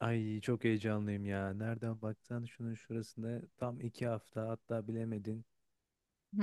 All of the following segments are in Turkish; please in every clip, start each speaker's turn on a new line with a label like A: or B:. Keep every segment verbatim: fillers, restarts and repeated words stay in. A: Ay çok heyecanlıyım ya. Nereden baksan şunun şurasında tam iki hafta, hatta bilemedin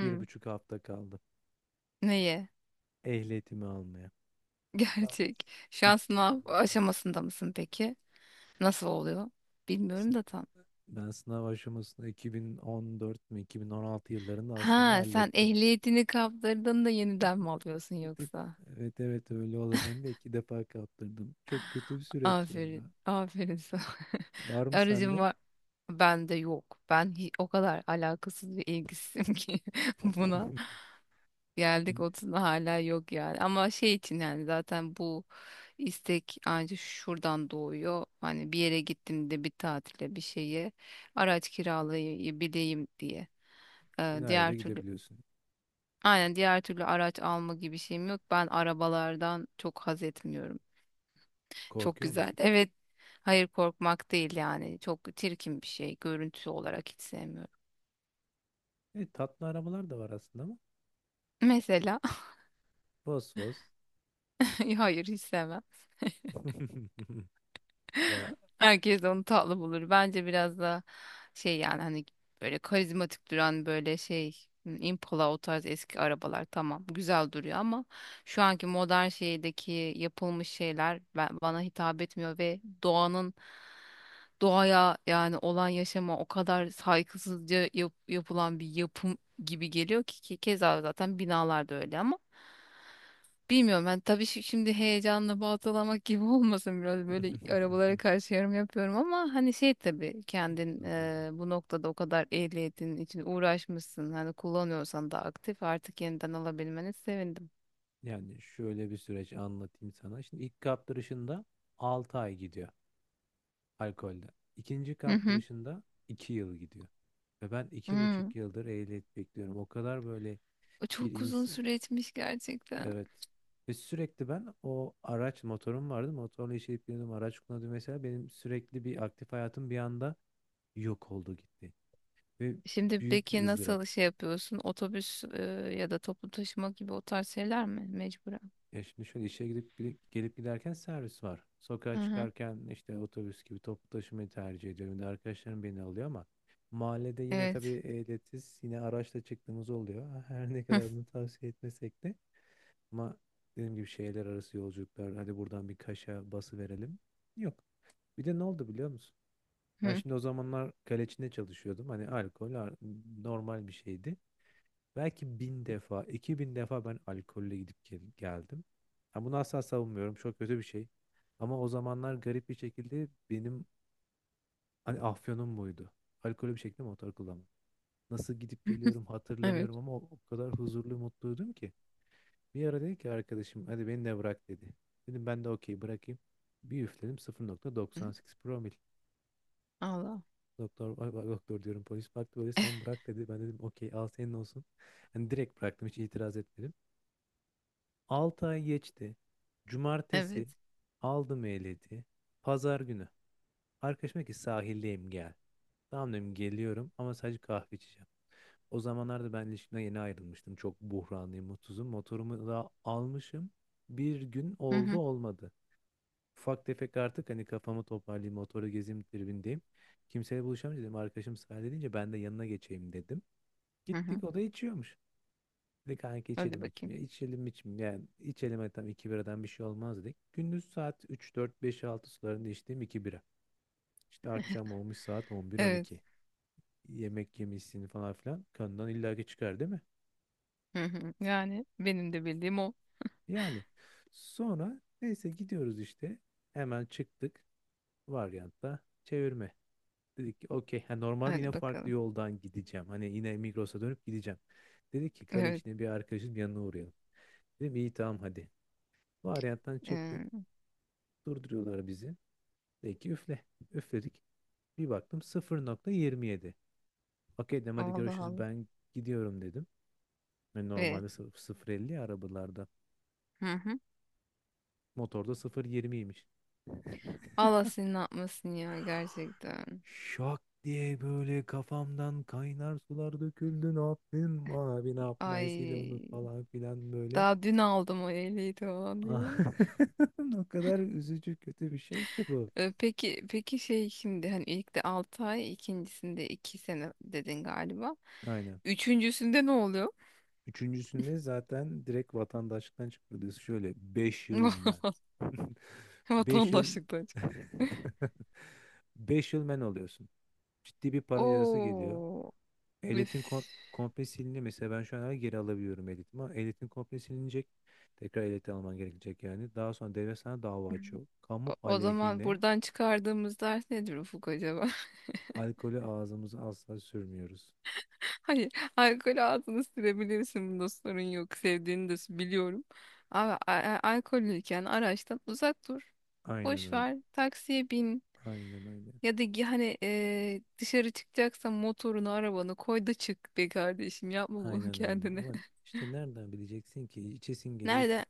A: bir buçuk hafta kaldı.
B: Neyi?
A: Ehliyetimi almaya.
B: Gerçek. Şu an sınav aşamasında mısın peki? Nasıl oluyor? Bilmiyorum
A: Sın-
B: da tam.
A: Ben sınav aşamasını iki bin on dört mü iki bin on altı yıllarında aslında
B: Ha, sen
A: hallettim.
B: ehliyetini kaptırdın da
A: Bir
B: yeniden
A: tık,
B: mi alıyorsun
A: bir tık-
B: yoksa?
A: evet evet öyle oldu. Hem de iki defa kaptırdım. Çok kötü bir süreç ya.
B: Aferin. Aferin sana.
A: Var mı
B: Aracın
A: sende?
B: var. Ben de yok. Ben hi- o kadar alakasız ve ilgisizim ki buna. Geldik otuzuna hala yok yani. Ama şey için yani zaten bu istek ancak şuradan doğuyor. Hani bir yere gittiğimde bir tatile bir şeye araç kiralayabileyim diye. Ee, diğer
A: Senaryoya
B: türlü
A: gidebiliyorsun.
B: aynen diğer türlü araç alma gibi şeyim yok. Ben arabalardan çok haz etmiyorum. Çok
A: Korkuyor
B: güzel.
A: musun?
B: Evet. Hayır korkmak değil yani. Çok çirkin bir şey. Görüntüsü olarak hiç sevmiyorum.
A: Evet, tatlı arabalar da var aslında ama.
B: Mesela
A: Fos fos.
B: hayır hiç sevmem.
A: Ya
B: Herkes onu tatlı bulur. Bence biraz da şey yani hani böyle karizmatik duran böyle şey hmm, Impala o tarz eski arabalar tamam güzel duruyor ama şu anki modern şeydeki yapılmış şeyler ben, bana hitap etmiyor ve doğanın doğaya yani olan yaşama o kadar saygısızca yap- yapılan bir yapım gibi geliyor ki, ki keza zaten binalar da öyle ama bilmiyorum ben tabii şi- şimdi heyecanla baltalamak gibi olmasın, biraz böyle arabalara karşı yorum yapıyorum ama hani şey tabii kendin e, bu noktada o kadar ehliyetin için uğraşmışsın, hani kullanıyorsan da aktif, artık yeniden alabilmeni sevindim.
A: yani şöyle bir süreç anlatayım sana. Şimdi ilk kaptırışında altı ay gidiyor alkolde. İkinci
B: Hı hı.
A: kaptırışında iki yıl gidiyor. Ve ben iki
B: Hmm.
A: buçuk yıldır ehliyet bekliyorum. O kadar böyle
B: O
A: bir
B: çok uzun
A: insan.
B: süre etmiş gerçekten.
A: Evet. Ve sürekli ben o araç, motorum vardı. Motorla işe gidip geliyordum, araç kullanıyordum mesela. Benim sürekli bir aktif hayatım bir anda yok oldu gitti. Ve
B: Şimdi
A: büyük bir
B: peki
A: ızdırap.
B: nasıl şey yapıyorsun? Otobüs e, ya da toplu taşıma gibi o tarz şeyler mi mecburen?
A: Ya şimdi şöyle, işe gidip gide- gelip giderken servis var. Sokağa
B: Hı hı.
A: çıkarken işte otobüs gibi toplu taşımayı tercih ediyorum. Bir de arkadaşlarım beni alıyor ama mahallede yine tabii
B: Evet.
A: ehliyetsiz yine araçla çıktığımız oluyor. Her ne kadar bunu tavsiye etmesek de ama dediğim gibi şehirler arası yolculuklar, hadi buradan bir Kaş'a bası verelim. Yok. Bir de ne oldu biliyor musun?
B: Hı
A: Ben
B: hı.
A: şimdi o zamanlar Kaleçin'de çalışıyordum. Hani alkol ar- normal bir şeydi. Belki bin defa, iki bin defa ben alkolle gidip gel- geldim. Ha bunu asla savunmuyorum. Çok kötü bir şey. Ama o zamanlar garip bir şekilde benim hani afyonum buydu. Alkolü bir şekilde motor kullanmak. Nasıl gidip geliyorum
B: Evet.
A: hatırlamıyorum ama o, o kadar huzurlu mutluydum ki. Bir ara dedi ki arkadaşım, hadi beni de bırak dedi. Dedim ben de okey, bırakayım. Bir üfledim
B: Hı.
A: sıfır nokta doksan sekiz promil.
B: Allah.
A: Doktor, ay, ay, doktor diyorum, polis baktı böyle, sen bırak dedi. Ben dedim okey, al senin olsun. Hani direkt bıraktım, hiç itiraz etmedim. Altı ay geçti.
B: Evet.
A: Cumartesi aldım ehliyeti. Pazar günü. Arkadaşım dedi ki sahildeyim gel. Tamam dedim, geliyorum ama sadece kahve içeceğim. O zamanlarda ben ilişkimden yeni ayrılmıştım. Çok buhranlıyım, mutsuzum. Motorumu da almışım. Bir gün
B: Hı
A: oldu
B: hı.
A: olmadı. Ufak tefek, artık hani kafamı toparlayayım, motoru gezeyim tribindeyim. Kimseyle buluşamayacağım dedim. Arkadaşım sahilde deyince ben de yanına geçeyim dedim.
B: Hı hı.
A: Gittik, o da içiyormuş. Dedik kanka
B: Hadi
A: içelim
B: bakayım.
A: içmeye. İçelim içmeye. Yani içelim, hadi tam iki biradan bir şey olmaz dedik. Gündüz saat üç dört beş altı sularında içtiğim iki bira. İşte akşam olmuş saat on bir on
B: Evet.
A: iki. Yemek yemişsin falan filan. Kanından illaki çıkar değil mi?
B: Hı hı. Yani benim de bildiğim o.
A: Yani sonra neyse gidiyoruz işte. Hemen çıktık. Varyantta çevirme. Dedik ki okey. Ha, normalde yine
B: Hadi
A: farklı
B: bakalım.
A: yoldan gideceğim. Hani yine Migros'a dönüp gideceğim. Dedik ki kale
B: Evet.
A: içinde bir arkadaşın yanına uğrayalım. Dedim iyi tamam hadi. Varyanttan çıktık.
B: Ee,
A: Durduruyorlar bizi. Peki üfle. Üfledik. Bir baktım sıfır nokta yirmi yedi. Okey dedim, hadi
B: Allah
A: görüşürüz
B: Allah.
A: ben gidiyorum dedim. Ve
B: Ve
A: normalde sıfır elli arabalarda.
B: hı hı.
A: Motorda sıfır yirmiymiş.
B: Allah seni ne yapmasın ya gerçekten.
A: Şak diye böyle kafamdan kaynar sular döküldü. Ne yaptın abi, ne yapmayasıyla
B: Ay,
A: onu falan filan böyle.
B: daha dün aldım o ehliyi tamam diye.
A: O kadar üzücü kötü bir şey ki bu.
B: Ee, peki peki şey şimdi hani ilk de altı ay ikincisinde iki sene dedin galiba.
A: Aynen.
B: Üçüncüsünde ne oluyor?
A: Üçüncüsünde zaten direkt vatandaşlıktan çıkarılıyorsun. Şöyle beş yıl men. beş yıl
B: Vatandaşlıktan. çık-
A: beş yıl men oluyorsun. Ciddi bir para cezası geliyor.
B: Oo. Üf.
A: Ehliyetin kom komple siliniyor. Mesela ben şu an hala geri alabiliyorum ehliyetimi ama ehliyetin komple silinecek. Tekrar ehliyet alman gerekecek yani. Daha sonra devlet sana dava açıyor.
B: O
A: Kamu
B: o zaman
A: aleyhine.
B: buradan çıkardığımız ders nedir Ufuk acaba?
A: Alkolü ağzımıza asla sürmüyoruz.
B: Hayır, alkol ağzını sürebilirsin. Bunda sorun yok. Sevdiğini de s- biliyorum. Ama a- a- alkollüyken araçtan uzak dur.
A: Aynen
B: Boş
A: öyle.
B: ver. Taksiye bin.
A: Aynen öyle.
B: Ya da gi- hani e, dışarı çıkacaksan motorunu, arabanı koy da çık be kardeşim. Yapma bunu
A: Aynen öyle.
B: kendine.
A: Ama işte nereden bileceksin ki? İçesin geliyor.
B: Nereden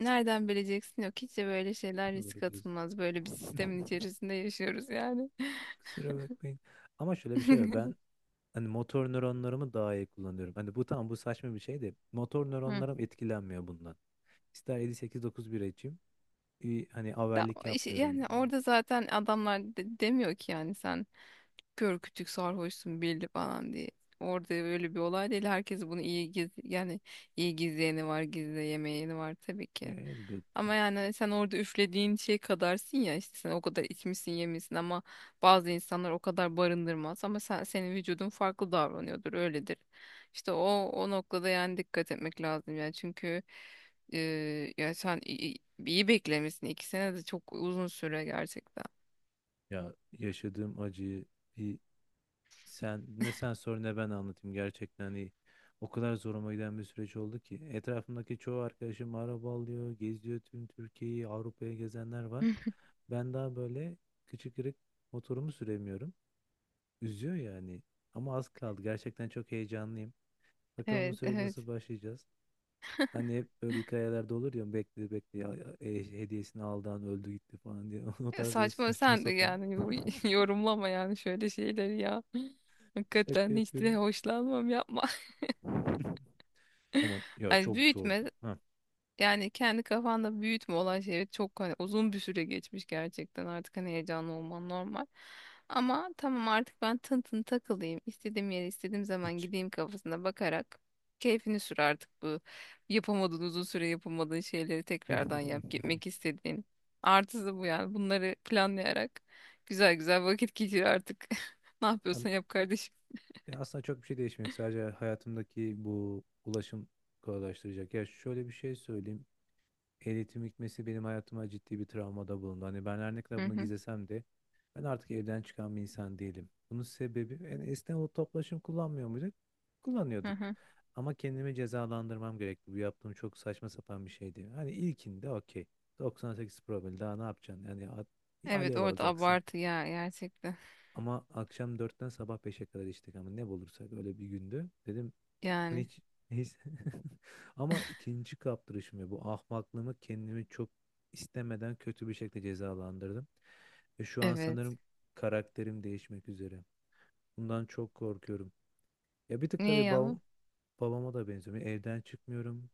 B: nereden bileceksin? Yok, hiç de böyle şeyler risk
A: Doğru diyorsun.
B: atılmaz. Böyle bir sistemin içerisinde yaşıyoruz yani.
A: Kusura bakmayın. Ama şöyle bir şey var. Ben hani motor nöronlarımı daha iyi kullanıyorum. Hani bu tam, bu saçma bir şey de motor
B: Hı.
A: nöronlarım etkilenmiyor bundan. İster yedi sekiz dokuz bir açayım. İyi, hani
B: Ya,
A: avellik
B: o işi-
A: yapmıyorum.
B: yani orada zaten adamlar de- demiyor ki yani sen kör kütük sarhoşsun belli falan diye. Orada öyle bir olay değil. Herkes bunu iyi giz yani iyi gizleyeni var, gizleyemeyeni var tabii
A: Ya
B: ki.
A: elbette.
B: Ama yani sen orada üflediğin şey kadarsın ya, işte sen o kadar içmişsin yemişsin ama bazı insanlar o kadar barındırmaz, ama sen senin vücudun farklı davranıyordur öyledir. İşte o o noktada yani dikkat etmek lazım yani çünkü e, ya sen iyi, iyi beklemişsin, iki sene de çok uzun süre gerçekten.
A: Ya yaşadığım acıyı bir, sen ne sen sor ne ben anlatayım gerçekten, hani o kadar zoruma giden bir süreç oldu ki, etrafımdaki çoğu arkadaşım araba alıyor, geziyor tüm Türkiye'yi, Avrupa'ya gezenler var. Ben daha böyle küçük kırık motorumu süremiyorum. Üzüyor yani. Ama az kaldı. Gerçekten çok heyecanlıyım. Bakalım bu
B: Evet,
A: süreci
B: evet.
A: nasıl başlayacağız. Hani hep böyle hikayelerde olur ya, bekle bekle ya- e, hediyesini aldı an öldü gitti falan diye. O
B: Ya
A: tarz böyle
B: saçma
A: saçma
B: sen de
A: sapan.
B: yani bu- yorumlama yani şöyle şeyleri ya.
A: Şaka
B: Hakikaten hiç de
A: yapıyorum.
B: hoşlanmam, yapma.
A: Ama ya
B: Ay
A: çok zordu.
B: büyütme
A: Ha,
B: yani, kendi kafanda büyütme olan şey, çok hani uzun bir süre geçmiş gerçekten artık, hani heyecanlı olman normal. Ama tamam artık ben tın tın takılayım, istediğim yere istediğim zaman
A: hiç.
B: gideyim kafasına bakarak keyfini sür artık bu yapamadığın, uzun süre yapamadığın şeyleri tekrardan yap gitmek istediğin. Artısı bu yani, bunları planlayarak güzel güzel vakit geçir artık. Ne
A: Yani,
B: yapıyorsan yap kardeşim.
A: ya aslında çok bir şey değişmiyor. Sadece hayatımdaki bu ulaşım kolaylaştıracak. Ya şöyle bir şey,
B: Hı hı,
A: ben artık evden çıkan bir insan değilim. Bunun sebebi yani, esnek o toplaşım kullanmıyor muyduk?
B: hı
A: Kullanıyorduk.
B: hı.
A: Ama kendimi cezalandırmam gerekti. Bu yaptığım çok saçma sapan bir şeydi. Hani ilkinde okey. doksan sekiz promil, daha ne yapacaksın? Yani at-
B: Evet,
A: alev
B: orada
A: alacaksın.
B: abartı ya gerçekten.
A: Ama akşam dörtten sabah beşe kadar içtik, ama ne bulursak öyle bir gündü. Dedim Hani
B: Yani
A: hiç, hiç- ama ikinci kaptırışımı, bu ahmaklığımı, kendimi çok istemeden kötü bir şekilde cezalandırdım. Ve şu an
B: evet.
A: sanırım karakterim değişmek üzere. Bundan çok korkuyorum. Ya bir tık
B: Niye
A: tabii
B: ya?
A: babam, babama da benziyorum. Yani evden çıkmıyorum.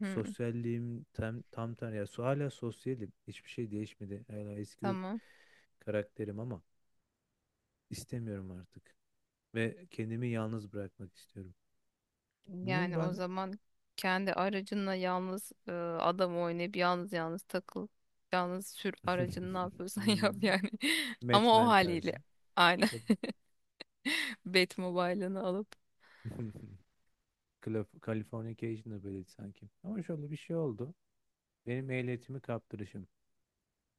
B: Hı,
A: Sosyalliğim tam tam ter ya so- hala sosyalim. Hiçbir şey değişmedi. Hala eski
B: tamam.
A: karakterim ama istemiyorum artık. Ve kendimi yalnız bırakmak istiyorum. Bunun
B: Yani o
A: ben
B: zaman kendi aracınla yalnız e, adam oynayıp yalnız yalnız takıl. Yalnız sür aracını, ne yapıyorsan yap yani. Ama o
A: Batman tarzı.
B: haliyle. Aynen.
A: E,
B: Batmobile'ını alıp.
A: Calif- Californication'da böyleydi sanki. Ama şöyle bir şey oldu. Benim ehliyetimi kaptırışım.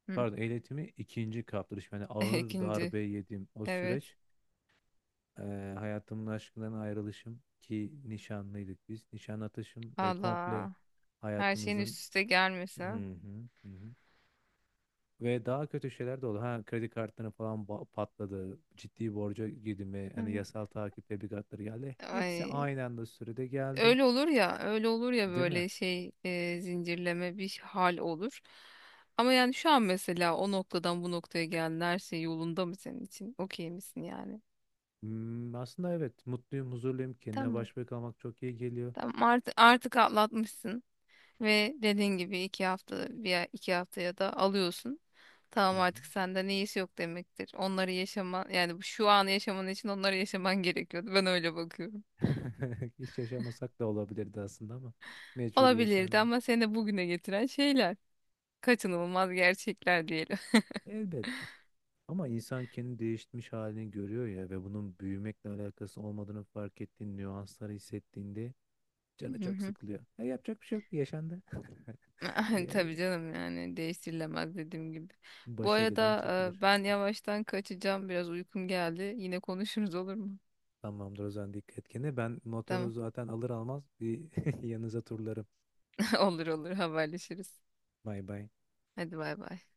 B: Hı.
A: Pardon, ehliyetimi ikinci kaptırışım. Yani ağır
B: İkinci.
A: darbe yedim. O
B: Evet.
A: süreç, e, hayatımın aşkından ayrılışım, ki nişanlıydık biz. Nişan atışım ve komple
B: Allah. Her şeyin üst
A: hayatımızın.
B: üste
A: Hı
B: gelmesi, ha?
A: hı, hı hı. Ve daha kötü şeyler de oldu. Ha kredi kartları falan ba- patladı. Ciddi borca girdim ve hani
B: Hı.
A: yasal takip tebligatları geldi. Hepsi
B: Ay.
A: aynı anda sürede geldi.
B: Öyle olur ya, öyle olur ya
A: Değil mi?
B: böyle şey e, zincirleme bir hal olur. Ama yani şu an mesela o noktadan bu noktaya geldin, her şey yolunda mı senin için? Okey misin yani?
A: Hmm, aslında evet, mutluyum, huzurluyum. Kendine
B: Tamam.
A: baş başa kalmak çok iyi geliyor.
B: Tamam artık, artık atlatmışsın ve dediğin gibi iki hafta, bir ay- iki haftaya da alıyorsun.
A: Hı
B: Tamam,
A: hı.
B: artık senden iyisi yok demektir. Onları yaşaman yani bu- şu an yaşaman için onları yaşaman gerekiyordu. Ben öyle bakıyorum.
A: Hiç yaşamasak da olabilirdi aslında ama mecbur
B: Olabilirdi
A: yaşandı.
B: ama seni de bugüne getiren şeyler. Kaçınılmaz gerçekler diyelim.
A: Elbette. Ama insan kendi değişmiş halini görüyor ya, ve bunun büyümekle alakası olmadığını fark ettiğin nüansları hissettiğinde canı çok sıkılıyor. E, yapacak bir şey yok. Yaşandı. Ya,
B: Tabii canım, yani değiştirilemez dediğim gibi. Bu
A: başa gelen
B: arada e,
A: çekilir.
B: ben yavaştan kaçacağım. Biraz uykum geldi. Yine konuşuruz, olur mu?
A: Tamamdır o zaman, dikkat et kendine. Ben motoru
B: Tamam.
A: zaten alır almaz bir yanınıza turlarım.
B: Olur olur, haberleşiriz.
A: Bay bay.
B: Hadi bay bay.